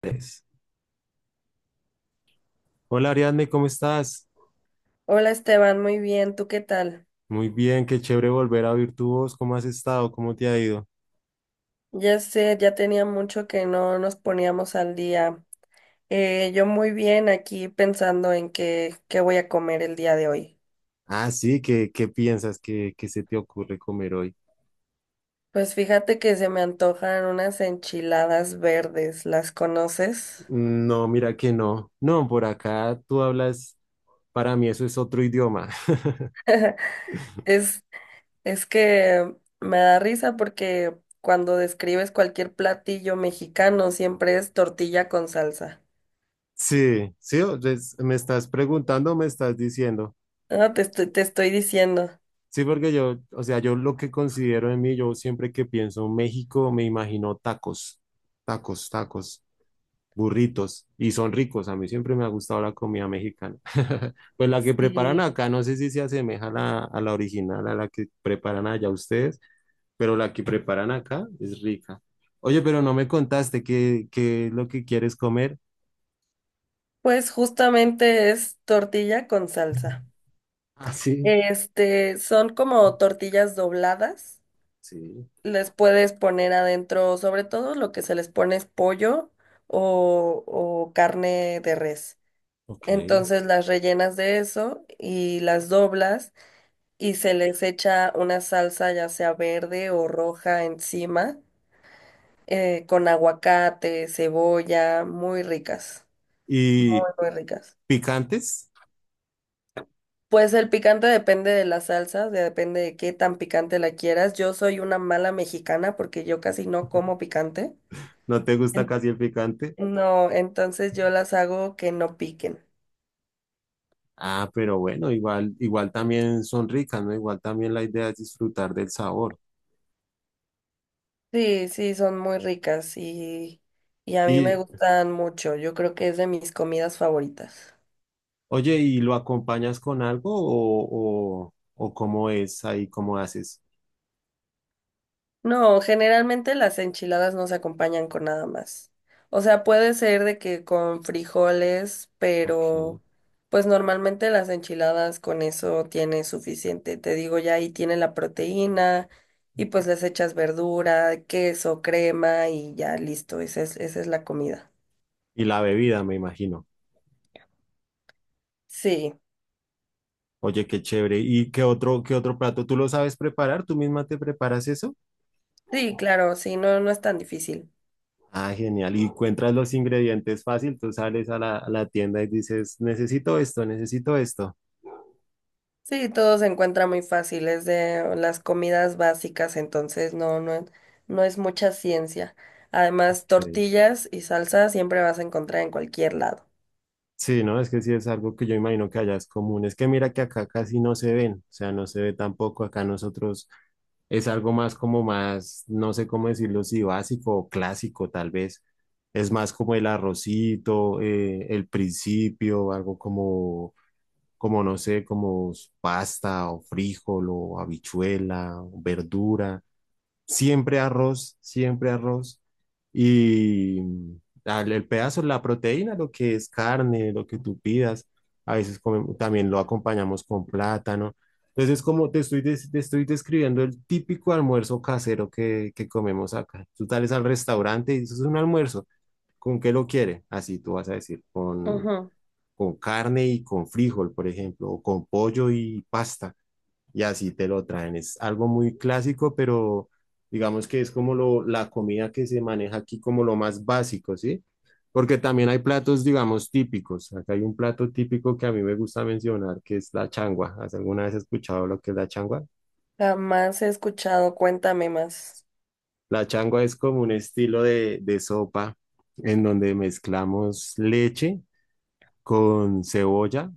Tres. Hola Ariadne, ¿cómo estás? Hola Esteban, muy bien, ¿tú qué tal? Muy bien, qué chévere volver a oír tu voz. ¿Cómo has estado? ¿Cómo te ha ido? Ya sé, ya tenía mucho que no nos poníamos al día. Yo muy bien aquí pensando en qué voy a comer el día de hoy. Ah, sí, qué piensas? ¿Qué se te ocurre comer hoy? Pues fíjate que se me antojan unas enchiladas verdes, ¿las conoces? No, mira que no. No, por acá tú hablas, para mí eso es otro idioma. Es, es que me da risa porque cuando describes cualquier platillo mexicano siempre es tortilla con salsa. Sí, sí, me estás preguntando, me estás diciendo. No, te estoy diciendo. Sí, porque yo, o sea, yo lo que considero en mí, yo siempre que pienso en México, me imagino tacos, tacos, tacos, burritos y son ricos. A mí siempre me ha gustado la comida mexicana. Pues la que preparan Sí. acá, no sé si se asemeja a a la original, a la que preparan allá ustedes, pero la que preparan acá es rica. Oye, pero no me contaste qué es lo que quieres comer. Pues justamente es tortilla con salsa. Ah, sí. Este, son como tortillas dobladas. Sí, Les puedes poner adentro, sobre todo lo que se les pone es pollo o carne de res. ok. Entonces las rellenas de eso y las doblas y se les echa una salsa ya sea verde o roja encima, con aguacate, cebolla, muy ricas, ¿Y muy ricas. picantes? Pues el picante depende de la salsa, depende de qué tan picante la quieras. Yo soy una mala mexicana porque yo casi no como picante. ¿No te gusta En- casi el picante? No, entonces yo las hago que no piquen. Ah, pero bueno, igual, igual también son ricas, ¿no? Igual también la idea es disfrutar del sabor. Sí, sí, son muy ricas y a mí me y gustan mucho. Yo creo que es de mis comidas favoritas. Oye, ¿y lo acompañas con algo o cómo es ahí, cómo haces? No, generalmente las enchiladas no se acompañan con nada más. O sea, puede ser de que con frijoles, Ok. Y pero pues normalmente las enchiladas con eso tiene suficiente. Te digo, ya ahí tiene la proteína y pues les echas verdura, queso, crema y ya listo. Esa es la comida. la bebida, me imagino. Sí, Oye, qué chévere. ¿Y qué otro plato? ¿Tú lo sabes preparar? ¿Tú misma te preparas eso? sí, claro, sí, no, no es tan difícil. Ah, genial. Y encuentras los ingredientes fácil. Tú sales a a la tienda y dices, necesito esto, necesito esto. Sí, todo se encuentra muy fácil, es de las comidas básicas, entonces no es mucha ciencia. Además, Ok. tortillas y salsa siempre vas a encontrar en cualquier lado. Sí, no, es que sí es algo que yo imagino que allá es común. Es que mira que acá casi no se ven, o sea, no se ve tampoco. Acá nosotros es algo más como más, no sé cómo decirlo, si básico o clásico tal vez. Es más como el arrocito, el principio, algo como, como no sé, como pasta o frijol o habichuela, verdura. Siempre arroz, siempre arroz. Y el pedazo, la proteína, lo que es carne, lo que tú pidas. A veces también lo acompañamos con plátano. Entonces, como te estoy, te estoy describiendo el típico almuerzo casero que comemos acá. Tú sales al restaurante y dices, es un almuerzo. ¿Con qué lo quiere? Así tú vas a decir, Ujú. con carne y con frijol, por ejemplo, o con pollo y pasta y así te lo traen. Es algo muy clásico, pero digamos que es como la comida que se maneja aquí como lo más básico, ¿sí? Porque también hay platos, digamos, típicos. Acá hay un plato típico que a mí me gusta mencionar, que es la changua. ¿Has alguna vez escuchado lo que es la changua? Jamás he escuchado, cuéntame más. La changua es como un estilo de sopa en donde mezclamos leche con cebolla,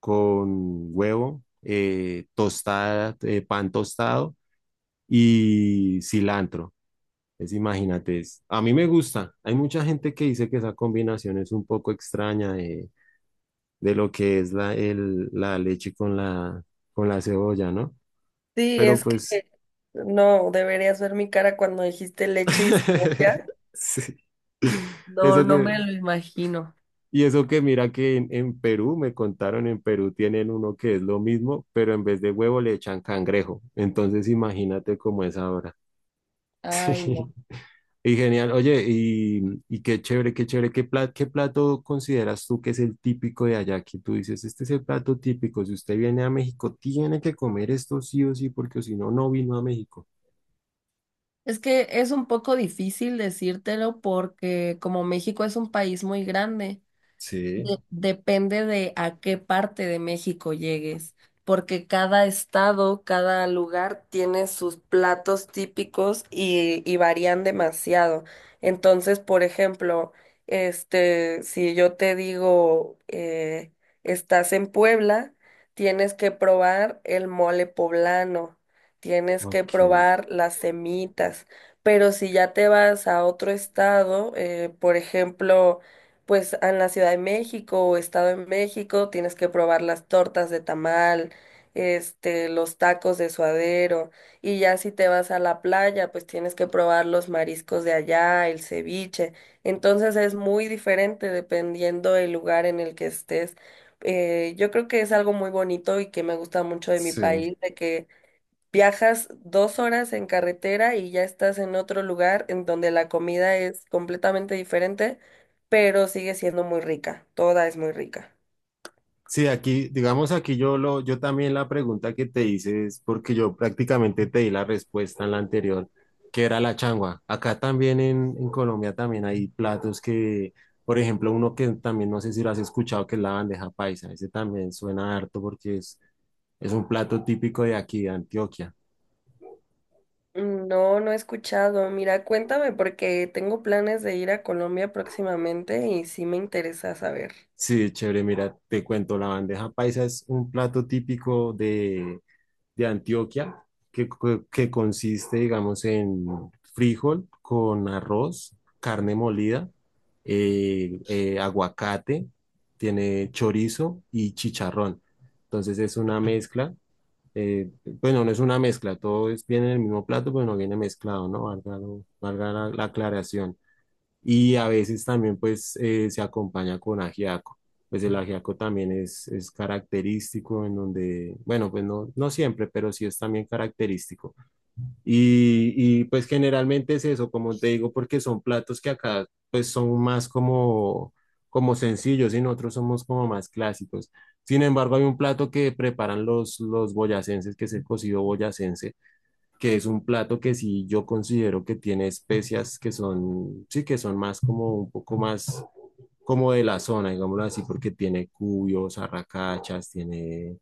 con huevo, tostada, pan tostado y cilantro. Es, imagínate, a mí me gusta. Hay mucha gente que dice que esa combinación es un poco extraña de lo que es la leche con con la cebolla, ¿no? Sí, Pero es que pues, no, deberías ver mi cara cuando dijiste leche y cebolla. sí. No, Eso no que, me lo imagino. y eso que mira que en Perú, me contaron, en Perú tienen uno que es lo mismo, pero en vez de huevo le echan cangrejo. Entonces imagínate cómo es ahora. Ay, no. Y genial, oye, y qué chévere, qué chévere, qué plato consideras tú que es el típico de allá? Que tú dices, este es el plato típico, si usted viene a México, tiene que comer esto sí o sí, porque si no, no vino a México. Es que es un poco difícil decírtelo porque como México es un país muy grande. Sí, Depende de a qué parte de México llegues, porque cada estado, cada lugar tiene sus platos típicos y varían demasiado. Entonces, por ejemplo, este, si yo te digo, estás en Puebla, tienes que probar el mole poblano, tienes que ok, probar las semitas, pero si ya te vas a otro estado, por ejemplo, pues en la Ciudad de México o Estado de México tienes que probar las tortas de tamal, este, los tacos de suadero, y ya si te vas a la playa, pues tienes que probar los mariscos de allá, el ceviche. Entonces es muy diferente dependiendo del lugar en el que estés. Yo creo que es algo muy bonito y que me gusta mucho de mi sí. país, de que viajas 2 horas en carretera y ya estás en otro lugar en donde la comida es completamente diferente, pero sigue siendo muy rica. Toda es muy rica. Sí, aquí, digamos, aquí yo lo, yo también la pregunta que te hice es porque yo prácticamente te di la respuesta en la anterior, que era la changua. Acá también en Colombia también hay platos que, por ejemplo, uno que también no sé si lo has escuchado, que es la bandeja paisa. Ese también suena harto porque es un plato típico de aquí, de Antioquia. No, no he escuchado. Mira, cuéntame porque tengo planes de ir a Colombia próximamente y sí me interesa saber. Sí, chévere, mira, te cuento, la bandeja paisa es un plato típico de Antioquia, que, que consiste, digamos, en frijol con arroz, carne molida, aguacate, tiene chorizo y chicharrón. Entonces es una mezcla. Bueno, no es una mezcla, todo es, viene en el mismo plato, pero no viene mezclado, ¿no? Valga, valga la aclaración y a veces también pues se acompaña con ajiaco. Pues el ajiaco también es característico en donde, bueno, pues no, no siempre, pero sí es también característico. Y pues generalmente es eso, como te digo, porque son platos que acá pues son más como, como sencillos y nosotros somos como más clásicos. Sin embargo, hay un plato que preparan los boyacenses, que es el cocido boyacense, que es un plato que sí yo considero que tiene especias que son, sí, que son más como un poco más como de la zona, digámoslo así, porque tiene cubios, arracachas, tiene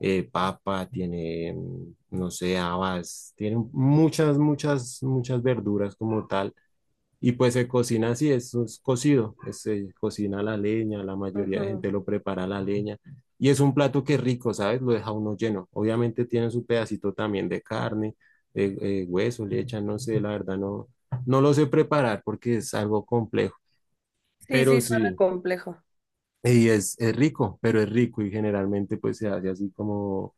papa, tiene, mm, no sé, habas, tiene muchas, muchas, muchas verduras como tal. Y pues se cocina así, es, un cocido, es, se cocina a la leña, la mayoría de Ujú. gente lo prepara a la leña. Y es un plato que es rico, ¿sabes? Lo deja uno lleno. Obviamente tiene su pedacito también de carne, de, hueso, le echan, no sé, la verdad no, no lo sé preparar porque es algo complejo. Sí, Pero sí, suena sí. complejo. Y es rico, pero es rico y generalmente pues se hace así como,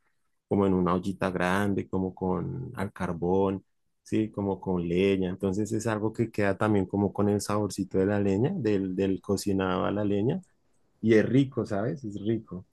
como en una ollita grande, como con al carbón, sí, como con leña. Entonces es algo que queda también como con el saborcito de la leña, del cocinado a la leña. Y es rico, ¿sabes? Es rico.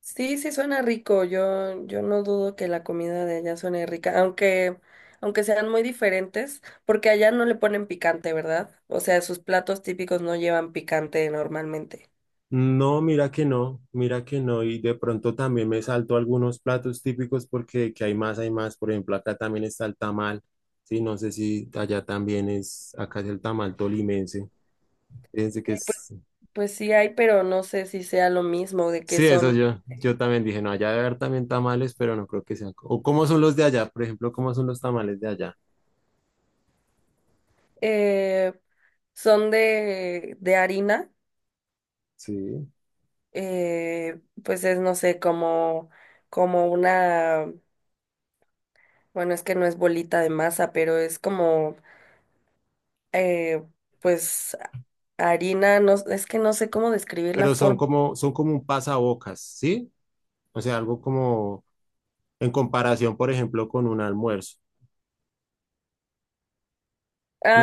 Sí, sí suena rico. Yo no dudo que la comida de allá suene rica, aunque, aunque sean muy diferentes, porque allá no le ponen picante, ¿verdad? O sea, sus platos típicos no llevan picante normalmente. No, mira que no, mira que no. Y de pronto también me salto algunos platos típicos porque que hay más, hay más. Por ejemplo, acá también está el tamal. Sí, no sé si allá también es, acá es el tamal tolimense. Fíjense que Pues, es. pues sí hay, pero no sé si sea lo mismo de que Sí, eso son, yo, yo también dije, no, allá debe haber también tamales, pero no creo que sean. O cómo son los de allá, por ejemplo, cómo son los tamales de allá. eh, son de harina, Sí. Pues es, no sé, como, como una, bueno, es que no es bolita de masa, pero es como eh, pues harina, no, es que no sé cómo describir la Pero forma. Son como un pasabocas, ¿sí? O sea, algo como en comparación, por ejemplo, con un almuerzo.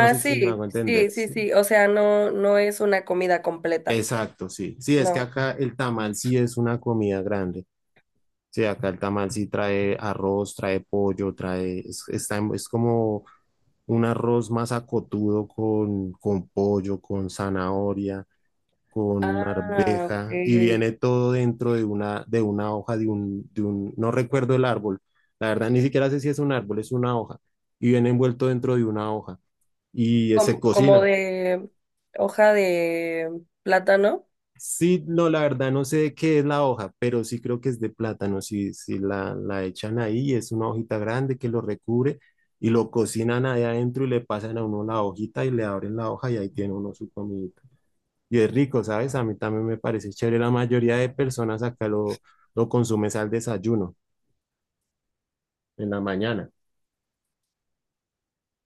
No sé si me sí, hago entender, sí, sí, sí. sí, o sea, no, no es una comida completa, Exacto, sí. Sí, es que no. acá el tamal sí es una comida grande. Sí, acá el tamal sí trae arroz, trae pollo, trae, es, es como un arroz más acotudo con pollo, con zanahoria, con Ah, ok. arveja y viene todo dentro de una hoja, de un, no recuerdo el árbol, la verdad ni siquiera sé si es un árbol, es una hoja y viene envuelto dentro de una hoja y se Como, como cocina. de hoja de plátano. Sí, no, la verdad no sé de qué es la hoja, pero sí creo que es de plátano, si, si la echan ahí, es una hojita grande que lo recubre y lo cocinan ahí adentro y le pasan a uno la hojita y le abren la hoja y ahí tiene uno su comidita y es rico, ¿sabes? A mí también me parece chévere. La mayoría de personas acá lo consumes al desayuno, en la mañana.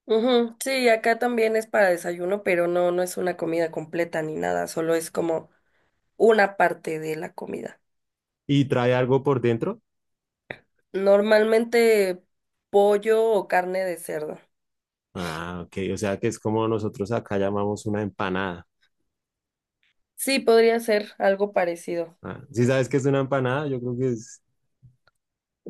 Ujú, sí, acá también es para desayuno, pero no, no es una comida completa ni nada, solo es como una parte de la comida. ¿Y trae algo por dentro? Normalmente pollo o carne de cerdo. Ah, ok, o sea que es como nosotros acá llamamos una empanada. Sí, podría ser algo parecido. Ah, ¿sí sabes qué es una empanada? Yo creo que es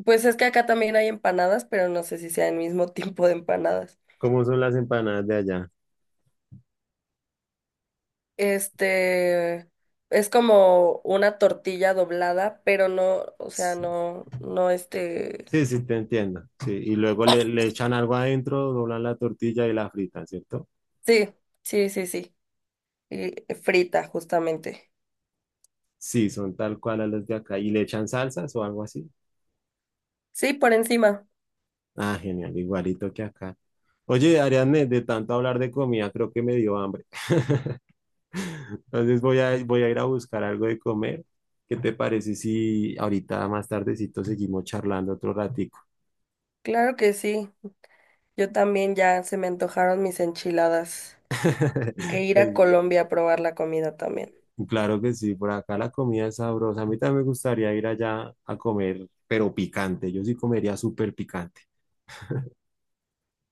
Pues es que acá también hay empanadas, pero no sé si sea el mismo tipo de empanadas. como son las empanadas de allá. Este es como una tortilla doblada, pero no, o sea, Sí, no, no este. sí, sí, te entiendo. Sí, y luego le echan algo adentro, doblan la tortilla y la fritan, ¿cierto? Sí, sí, sí, sí. Y frita, justamente. Sí, son tal cual a las de acá. ¿Y le echan salsas o algo así? Sí, por encima. Ah, genial, igualito que acá. Oye, Ariadne, de tanto hablar de comida, creo que me dio hambre. Entonces voy a ir a buscar algo de comer. ¿Qué te parece si ahorita más tardecito seguimos charlando otro ratico? Claro que sí. Yo también ya se me antojaron mis enchiladas. Que ir a Es- Colombia a probar la comida también. Claro que sí, por acá la comida es sabrosa. A mí también me gustaría ir allá a comer, pero picante. Yo sí comería súper picante.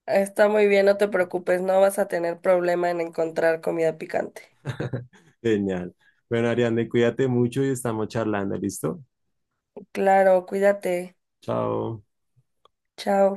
Está muy bien, no te preocupes, no vas a tener problema en encontrar comida picante. Genial. Bueno, Ariadne, cuídate mucho y estamos charlando, ¿listo? Claro, cuídate. Chao. Chao.